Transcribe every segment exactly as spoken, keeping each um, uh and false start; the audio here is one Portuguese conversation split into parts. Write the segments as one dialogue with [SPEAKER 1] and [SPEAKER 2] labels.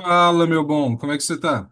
[SPEAKER 1] Fala, meu bom, como é que você tá?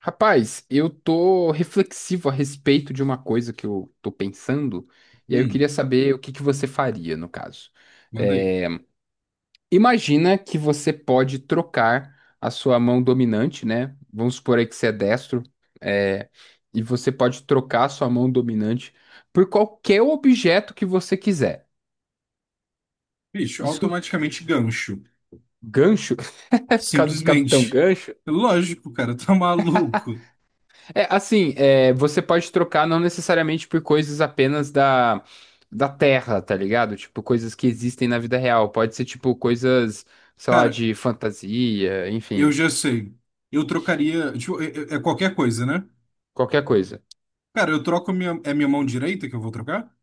[SPEAKER 2] Rapaz, eu tô reflexivo a respeito de uma coisa que eu tô pensando, e aí eu
[SPEAKER 1] Hum,
[SPEAKER 2] queria saber o que que você faria no caso.
[SPEAKER 1] manda aí.
[SPEAKER 2] É, Imagina que você pode trocar a sua mão dominante, né? Vamos supor aí que você é destro, é, e você pode trocar a sua mão dominante por qualquer objeto que você quiser.
[SPEAKER 1] Bicho,
[SPEAKER 2] Isso,
[SPEAKER 1] automaticamente gancho.
[SPEAKER 2] gancho, por causa do Capitão
[SPEAKER 1] Simplesmente.
[SPEAKER 2] Gancho.
[SPEAKER 1] Lógico, cara, tá maluco.
[SPEAKER 2] É, assim, é, você pode trocar não necessariamente por coisas apenas da, da Terra, tá ligado? Tipo, coisas que existem na vida real. Pode ser, tipo, coisas, sei lá,
[SPEAKER 1] Cara,
[SPEAKER 2] de fantasia,
[SPEAKER 1] eu
[SPEAKER 2] enfim,
[SPEAKER 1] já sei. Eu trocaria. Tipo, é, é- é qualquer coisa, né?
[SPEAKER 2] qualquer coisa.
[SPEAKER 1] Cara, eu troco minha. É minha mão direita que eu vou trocar?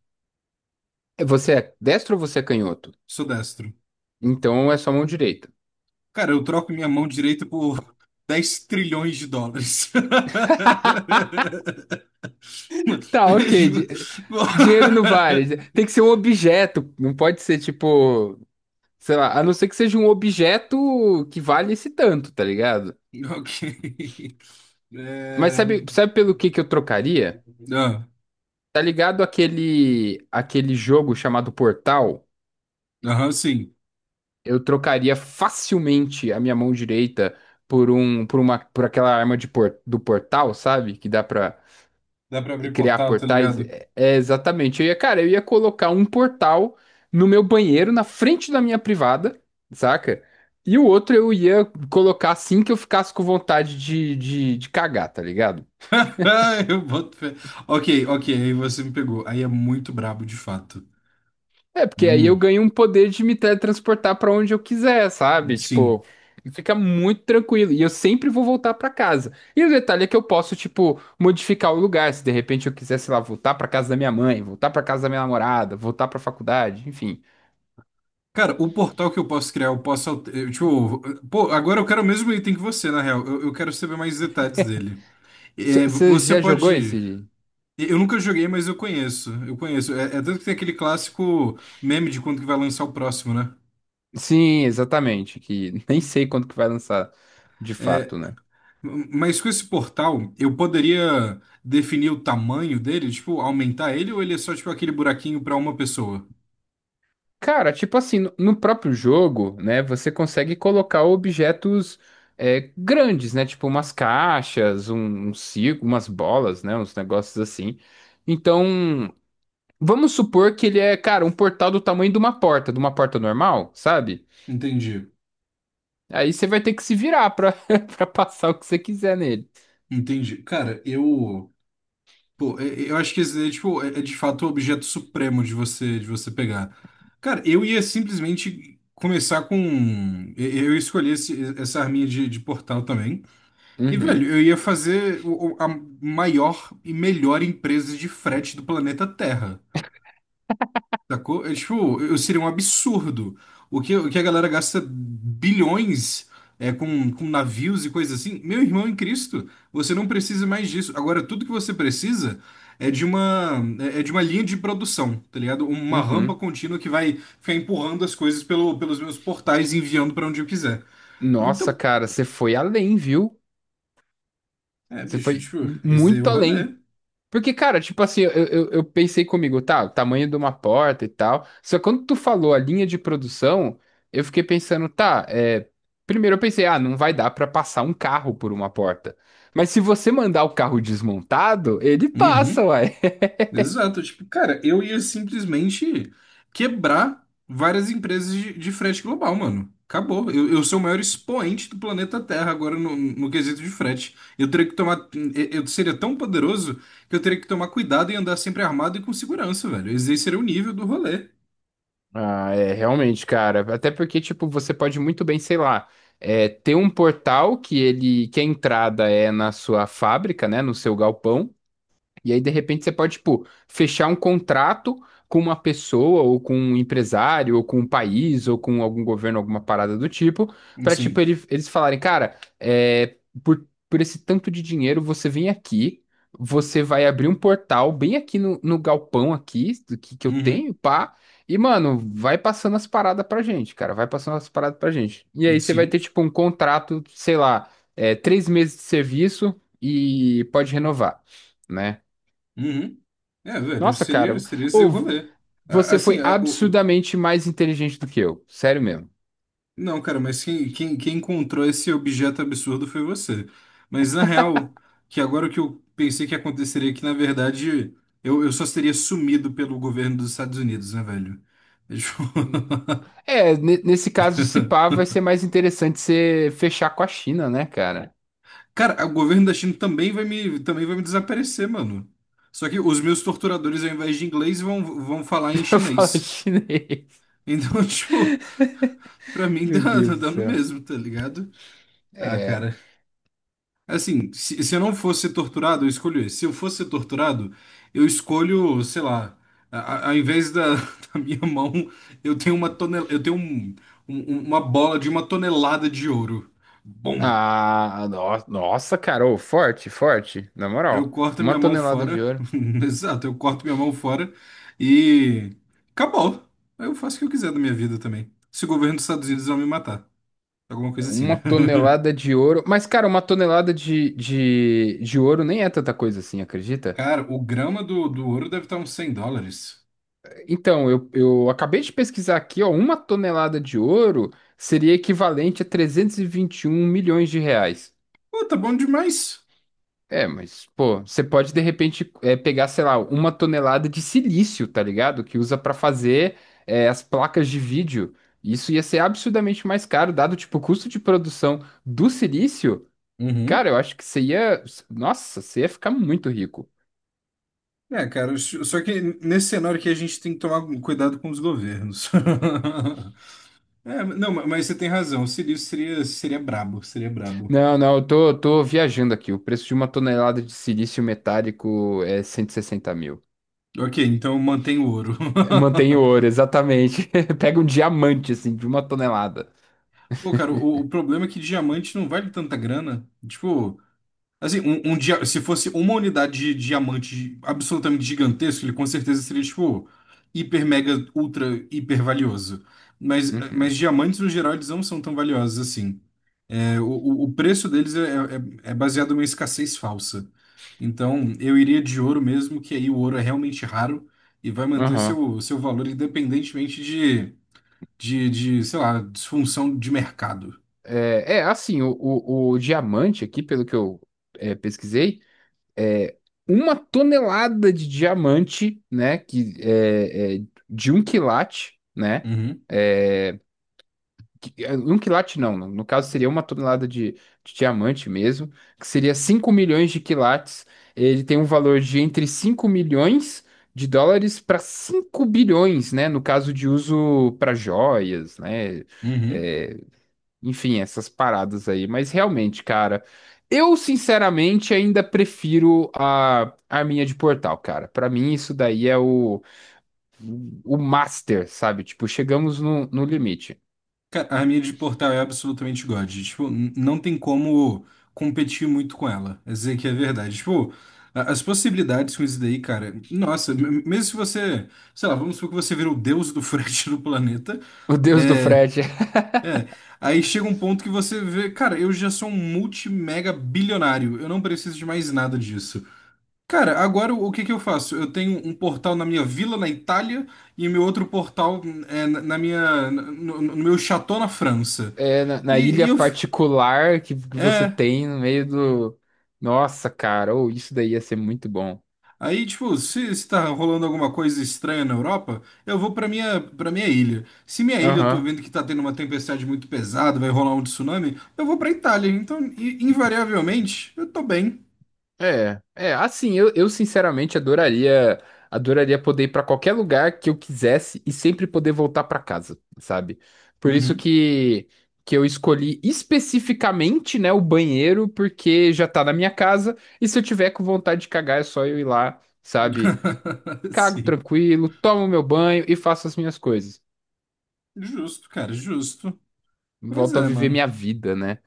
[SPEAKER 2] É, Você é destro ou você é canhoto?
[SPEAKER 1] Sou destro.
[SPEAKER 2] Então é só mão direita.
[SPEAKER 1] Cara, eu troco minha mão direita por dez trilhões de dólares.
[SPEAKER 2] Tá, ok. di- Dinheiro não vale. Tem que ser um objeto. Não pode ser, tipo, sei lá, a não ser que seja um objeto que vale esse tanto, tá ligado?
[SPEAKER 1] Ok.
[SPEAKER 2] Mas
[SPEAKER 1] É...
[SPEAKER 2] sabe, sabe pelo que que eu trocaria?
[SPEAKER 1] Ah,
[SPEAKER 2] Tá ligado aquele aquele jogo chamado Portal?
[SPEAKER 1] aham, sim.
[SPEAKER 2] Eu trocaria facilmente a minha mão direita por um por uma por aquela arma de por, do portal, sabe? Que dá pra
[SPEAKER 1] Dá pra abrir
[SPEAKER 2] criar
[SPEAKER 1] portal, tá
[SPEAKER 2] portais.
[SPEAKER 1] ligado?
[SPEAKER 2] É, é exatamente. Eu ia, cara, eu ia colocar um portal no meu banheiro, na frente da minha privada, saca? E o outro eu ia colocar assim que eu ficasse com vontade de, de, de cagar, tá ligado?
[SPEAKER 1] Eu boto fé. Ok, ok, aí você me pegou. Aí é muito brabo, de fato.
[SPEAKER 2] É, porque aí eu
[SPEAKER 1] Hum,
[SPEAKER 2] ganho um poder de me teletransportar pra onde eu quiser, sabe?
[SPEAKER 1] sim.
[SPEAKER 2] Tipo, fica muito tranquilo. E eu sempre vou voltar pra casa. E o detalhe é que eu posso, tipo, modificar o lugar. Se de repente eu quiser, sei lá, voltar pra casa da minha mãe, voltar pra casa da minha namorada, voltar pra faculdade, enfim.
[SPEAKER 1] Cara, o portal que eu posso criar, eu posso. alter- eu, tipo, pô, agora eu quero o mesmo item que você, na real. Eu, eu quero saber mais detalhes dele. É,
[SPEAKER 2] Você
[SPEAKER 1] você
[SPEAKER 2] já jogou
[SPEAKER 1] pode.
[SPEAKER 2] esse?
[SPEAKER 1] Eu nunca joguei, mas eu conheço. Eu conheço. É, é tanto que tem aquele clássico meme de quando que vai lançar o próximo, né?
[SPEAKER 2] Sim, exatamente. Que nem sei quando que vai lançar de
[SPEAKER 1] É,
[SPEAKER 2] fato, né?
[SPEAKER 1] mas com esse portal, eu poderia definir o tamanho dele, tipo, aumentar ele ou ele é só tipo aquele buraquinho para uma pessoa?
[SPEAKER 2] Cara, tipo assim, no no próprio jogo, né, você consegue colocar objetos é, grandes, né, tipo umas caixas, um, um circo, umas bolas, né, uns negócios assim. Então, vamos supor que ele é, cara, um portal do tamanho de uma porta, de uma porta normal, sabe?
[SPEAKER 1] Entendi,
[SPEAKER 2] Aí você vai ter que se virar pra, pra passar o que você quiser nele.
[SPEAKER 1] entendi. Cara, eu, pô, é- é, eu acho que esse daí, tipo, é, é de fato o objeto supremo de você, de você pegar. Cara, eu ia simplesmente começar com, eu eu escolhi esse- essa arminha de, de portal também. E, velho,
[SPEAKER 2] Uhum,
[SPEAKER 1] eu ia fazer o- o- a maior e melhor empresa de frete do planeta Terra. Sacou? É, tipo, eu seria um absurdo. O que, o que a galera gasta bilhões é, com, com navios e coisas assim. Meu irmão em Cristo, você não precisa mais disso. Agora, tudo que você precisa é de uma, é é de uma linha de produção, tá ligado? Uma rampa
[SPEAKER 2] uhum.
[SPEAKER 1] contínua que vai ficar empurrando as coisas pelo, pelos meus portais e enviando pra onde eu quiser.
[SPEAKER 2] Nossa,
[SPEAKER 1] Então,
[SPEAKER 2] cara, você foi além, viu?
[SPEAKER 1] é,
[SPEAKER 2] Você
[SPEAKER 1] bicho,
[SPEAKER 2] foi
[SPEAKER 1] tipo, esse é o
[SPEAKER 2] muito além.
[SPEAKER 1] rolê.
[SPEAKER 2] Porque, cara, tipo assim, eu, eu, eu pensei comigo, tá, o tamanho de uma porta e tal. Só que quando tu falou a linha de produção, eu fiquei pensando, tá, é. Primeiro eu pensei, ah, não vai dar pra passar um carro por uma porta. Mas se você mandar o carro desmontado, ele passa,
[SPEAKER 1] Uhum.
[SPEAKER 2] uai.
[SPEAKER 1] Exato, tipo, cara, eu ia simplesmente quebrar várias empresas de, de frete global, mano. Acabou. Eu, eu sou o maior expoente do planeta Terra agora no, no quesito de frete. Eu teria que tomar. Eu eu seria tão poderoso que eu teria que tomar cuidado e andar sempre armado e com segurança, velho. Esse aí seria o nível do rolê.
[SPEAKER 2] Ah, é, realmente, cara. Até porque, tipo, você pode muito bem, sei lá, é, ter um portal que ele, que a entrada é na sua fábrica, né, no seu galpão. E aí, de repente, você pode, tipo, fechar um contrato com uma pessoa, ou com um empresário, ou com um país, ou com algum governo, alguma parada do tipo, pra, tipo,
[SPEAKER 1] Sim.
[SPEAKER 2] ele- eles falarem, cara, é, por, por esse tanto de dinheiro, você vem aqui, você vai abrir um portal bem aqui no, no galpão aqui, do que, que eu
[SPEAKER 1] Uhum.
[SPEAKER 2] tenho, pá, e, mano, vai passando as paradas pra gente, cara, vai passando as paradas pra gente. E aí, você vai
[SPEAKER 1] Sim.
[SPEAKER 2] ter, tipo, um contrato, sei lá, é, três meses de serviço e pode renovar né?
[SPEAKER 1] Uhum. É, velho,
[SPEAKER 2] Nossa,
[SPEAKER 1] seria,
[SPEAKER 2] cara,
[SPEAKER 1] seria esse o
[SPEAKER 2] ou
[SPEAKER 1] rolê. A-
[SPEAKER 2] você
[SPEAKER 1] Assim,
[SPEAKER 2] foi
[SPEAKER 1] a- o,
[SPEAKER 2] absurdamente mais inteligente do que eu, sério mesmo.
[SPEAKER 1] não, cara, mas quem, quem, quem encontrou esse objeto absurdo foi você. Mas na real, que agora o que eu pensei que aconteceria é que, na verdade, eu, eu só seria sumido pelo governo dos Estados Unidos, né, velho? É tipo,
[SPEAKER 2] Hum. É, ne- nesse caso, se pá, vai ser mais interessante você fechar com a China, né, cara?
[SPEAKER 1] cara, o governo da China também vai me, também vai me desaparecer, mano. Só que os meus torturadores, ao invés de inglês, vão, vão falar em
[SPEAKER 2] Eu falo
[SPEAKER 1] chinês.
[SPEAKER 2] chinês.
[SPEAKER 1] Então, tipo, pra mim
[SPEAKER 2] Meu
[SPEAKER 1] dá,
[SPEAKER 2] Deus do
[SPEAKER 1] dá no
[SPEAKER 2] céu.
[SPEAKER 1] mesmo, tá ligado? Ah,
[SPEAKER 2] É.
[SPEAKER 1] cara. Assim, se, se eu não fosse ser torturado, eu escolho esse. Se eu fosse ser torturado, eu escolho, sei lá, a, a- ao invés da, da minha mão, eu tenho uma tonel, eu tenho um- um- um, uma bola de uma tonelada de ouro. Bom,
[SPEAKER 2] Ah, no- nossa, cara, ô, forte, forte, na
[SPEAKER 1] eu
[SPEAKER 2] moral.
[SPEAKER 1] corto
[SPEAKER 2] Uma
[SPEAKER 1] minha mão
[SPEAKER 2] tonelada de
[SPEAKER 1] fora.
[SPEAKER 2] ouro.
[SPEAKER 1] Exato, eu corto minha mão fora e acabou. Eu faço o que eu quiser da minha vida também. Se o governo dos Estados Unidos não me matar. Alguma coisa assim,
[SPEAKER 2] Uma
[SPEAKER 1] né?
[SPEAKER 2] tonelada de ouro. Mas, cara, uma tonelada de, de, de ouro nem é tanta coisa assim, acredita?
[SPEAKER 1] Cara, o grama do, do ouro deve estar uns cem dólares.
[SPEAKER 2] Então, eu, eu acabei de pesquisar aqui, ó, uma tonelada de ouro seria equivalente a trezentos e e vinte e um milhões de reais.
[SPEAKER 1] Pô, tá bom demais.
[SPEAKER 2] É, mas, pô, você pode de repente é, pegar, sei lá, uma tonelada de silício, tá ligado? Que usa pra fazer é, as placas de vídeo. Isso ia ser absurdamente mais caro, dado tipo o custo de produção do silício.
[SPEAKER 1] Uhum.
[SPEAKER 2] Cara, eu acho que você ia. Nossa, você ia ficar muito rico.
[SPEAKER 1] É, cara, s- só que nesse cenário que a gente tem que tomar um cuidado com os governos. É, não, ma- mas você tem razão. O Sirius seria, seria brabo, seria brabo.
[SPEAKER 2] Não, não, eu tô, tô viajando aqui. O preço de uma tonelada de silício metálico é cento e sessenta mil.
[SPEAKER 1] Ok, então mantém o ouro.
[SPEAKER 2] Mantém o ouro, exatamente. Pega um diamante, assim, de uma tonelada.
[SPEAKER 1] Pô, cara, o, o, problema é que diamante não vale tanta grana. Tipo, assim, um, um dia, se fosse uma unidade de diamante absolutamente gigantesco, ele com certeza seria, tipo, hiper, mega, ultra, hiper valioso. Mas, mas
[SPEAKER 2] Uhum.
[SPEAKER 1] diamantes, no geral, eles não são tão valiosos assim. É, o, o- o preço deles é, é- é baseado numa escassez falsa. Então, eu iria de ouro mesmo, que aí o ouro é realmente raro e vai manter
[SPEAKER 2] Aham.
[SPEAKER 1] seu, seu valor independentemente de, de, de, sei lá, disfunção de mercado.
[SPEAKER 2] É, é, assim, o, o, o diamante aqui, pelo que eu é, pesquisei, é uma tonelada de diamante, né? Que é, é de um quilate, né?
[SPEAKER 1] Uhum,
[SPEAKER 2] é, qui- é, Um quilate não, no no caso seria uma tonelada de, de diamante mesmo, que seria cinco milhões de quilates. Ele tem um valor de entre cinco milhões de dólares para cinco bilhões, né? No caso de uso para joias, né?
[SPEAKER 1] uhum.
[SPEAKER 2] é, enfim, essas paradas aí. Mas realmente, cara, eu sinceramente ainda prefiro a arminha de portal, cara. Para mim, isso daí é o, o, master, sabe? Tipo, chegamos no, no limite.
[SPEAKER 1] Ca- A minha de portal é absolutamente God. Tipo, n- não tem como competir muito com ela. É dizer que é verdade. Tipo, a- as possibilidades com isso daí, cara, nossa, m- mesmo se você, sei lá, vamos supor que você vira o deus do frete do planeta.
[SPEAKER 2] O deus do
[SPEAKER 1] É,
[SPEAKER 2] frete.
[SPEAKER 1] é, aí chega um ponto que você vê, cara, eu já sou um multimega bilionário, eu não preciso de mais nada disso. Cara, agora o que que eu faço? Eu tenho um portal na minha vila, na Itália, e meu outro portal é na na minha, no, no meu chateau na França.
[SPEAKER 2] é, na, na
[SPEAKER 1] E, e
[SPEAKER 2] ilha
[SPEAKER 1] eu,
[SPEAKER 2] particular que, que você
[SPEAKER 1] é,
[SPEAKER 2] tem no meio do. Nossa, cara, ou isso daí ia ser muito bom.
[SPEAKER 1] aí tipo, se, se tá rolando alguma coisa estranha na Europa, eu vou pra minha, pra minha ilha. Se minha ilha eu tô
[SPEAKER 2] Aham.
[SPEAKER 1] vendo que tá tendo uma tempestade muito pesada, vai rolar um tsunami, eu vou pra Itália. Então, i- invariavelmente, eu tô bem.
[SPEAKER 2] É, é, assim, eu, eu sinceramente adoraria, adoraria poder ir pra qualquer lugar que eu quisesse e sempre poder voltar pra casa, sabe? Por isso
[SPEAKER 1] Uhum.
[SPEAKER 2] que que eu escolhi especificamente, né, o banheiro, porque já tá na minha casa e se eu tiver com vontade de cagar é só eu ir lá, sabe? Cago
[SPEAKER 1] Sim.
[SPEAKER 2] tranquilo, tomo meu banho e faço as minhas coisas.
[SPEAKER 1] Justo, cara, justo. Pois
[SPEAKER 2] Volto a
[SPEAKER 1] é,
[SPEAKER 2] viver
[SPEAKER 1] mano.
[SPEAKER 2] minha vida, né?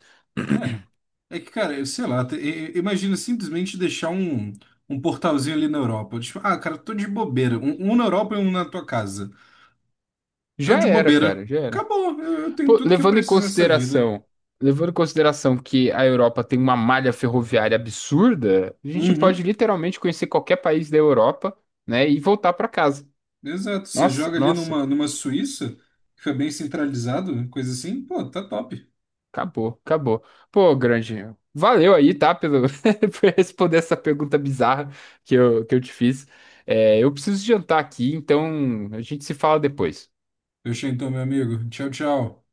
[SPEAKER 1] É. É que, cara, eu sei lá, te- e- e- imagina simplesmente deixar um, um portalzinho ali na Europa. Tipo, ah, cara, tô de bobeira. Um, um na Europa e um na tua casa. Tô
[SPEAKER 2] Já
[SPEAKER 1] de
[SPEAKER 2] era,
[SPEAKER 1] bobeira.
[SPEAKER 2] cara, já era.
[SPEAKER 1] Acabou, eu, eu tenho
[SPEAKER 2] Pô,
[SPEAKER 1] tudo que eu
[SPEAKER 2] levando em
[SPEAKER 1] preciso nessa vida.
[SPEAKER 2] consideração, levando em consideração que a Europa tem uma malha ferroviária absurda, a gente pode
[SPEAKER 1] Uhum.
[SPEAKER 2] literalmente conhecer qualquer país da Europa, né, e voltar pra casa.
[SPEAKER 1] Exato. Você
[SPEAKER 2] Nossa,
[SPEAKER 1] joga ali
[SPEAKER 2] nossa,
[SPEAKER 1] numa, numa Suíça, fica bem centralizado, coisa assim. Pô, tá top.
[SPEAKER 2] acabou, acabou. Pô, grande, valeu aí, tá, pelo por responder essa pergunta bizarra que eu, que eu te fiz. É, eu preciso jantar aqui, então a gente se fala depois.
[SPEAKER 1] Fechou então, meu amigo. Tchau, tchau.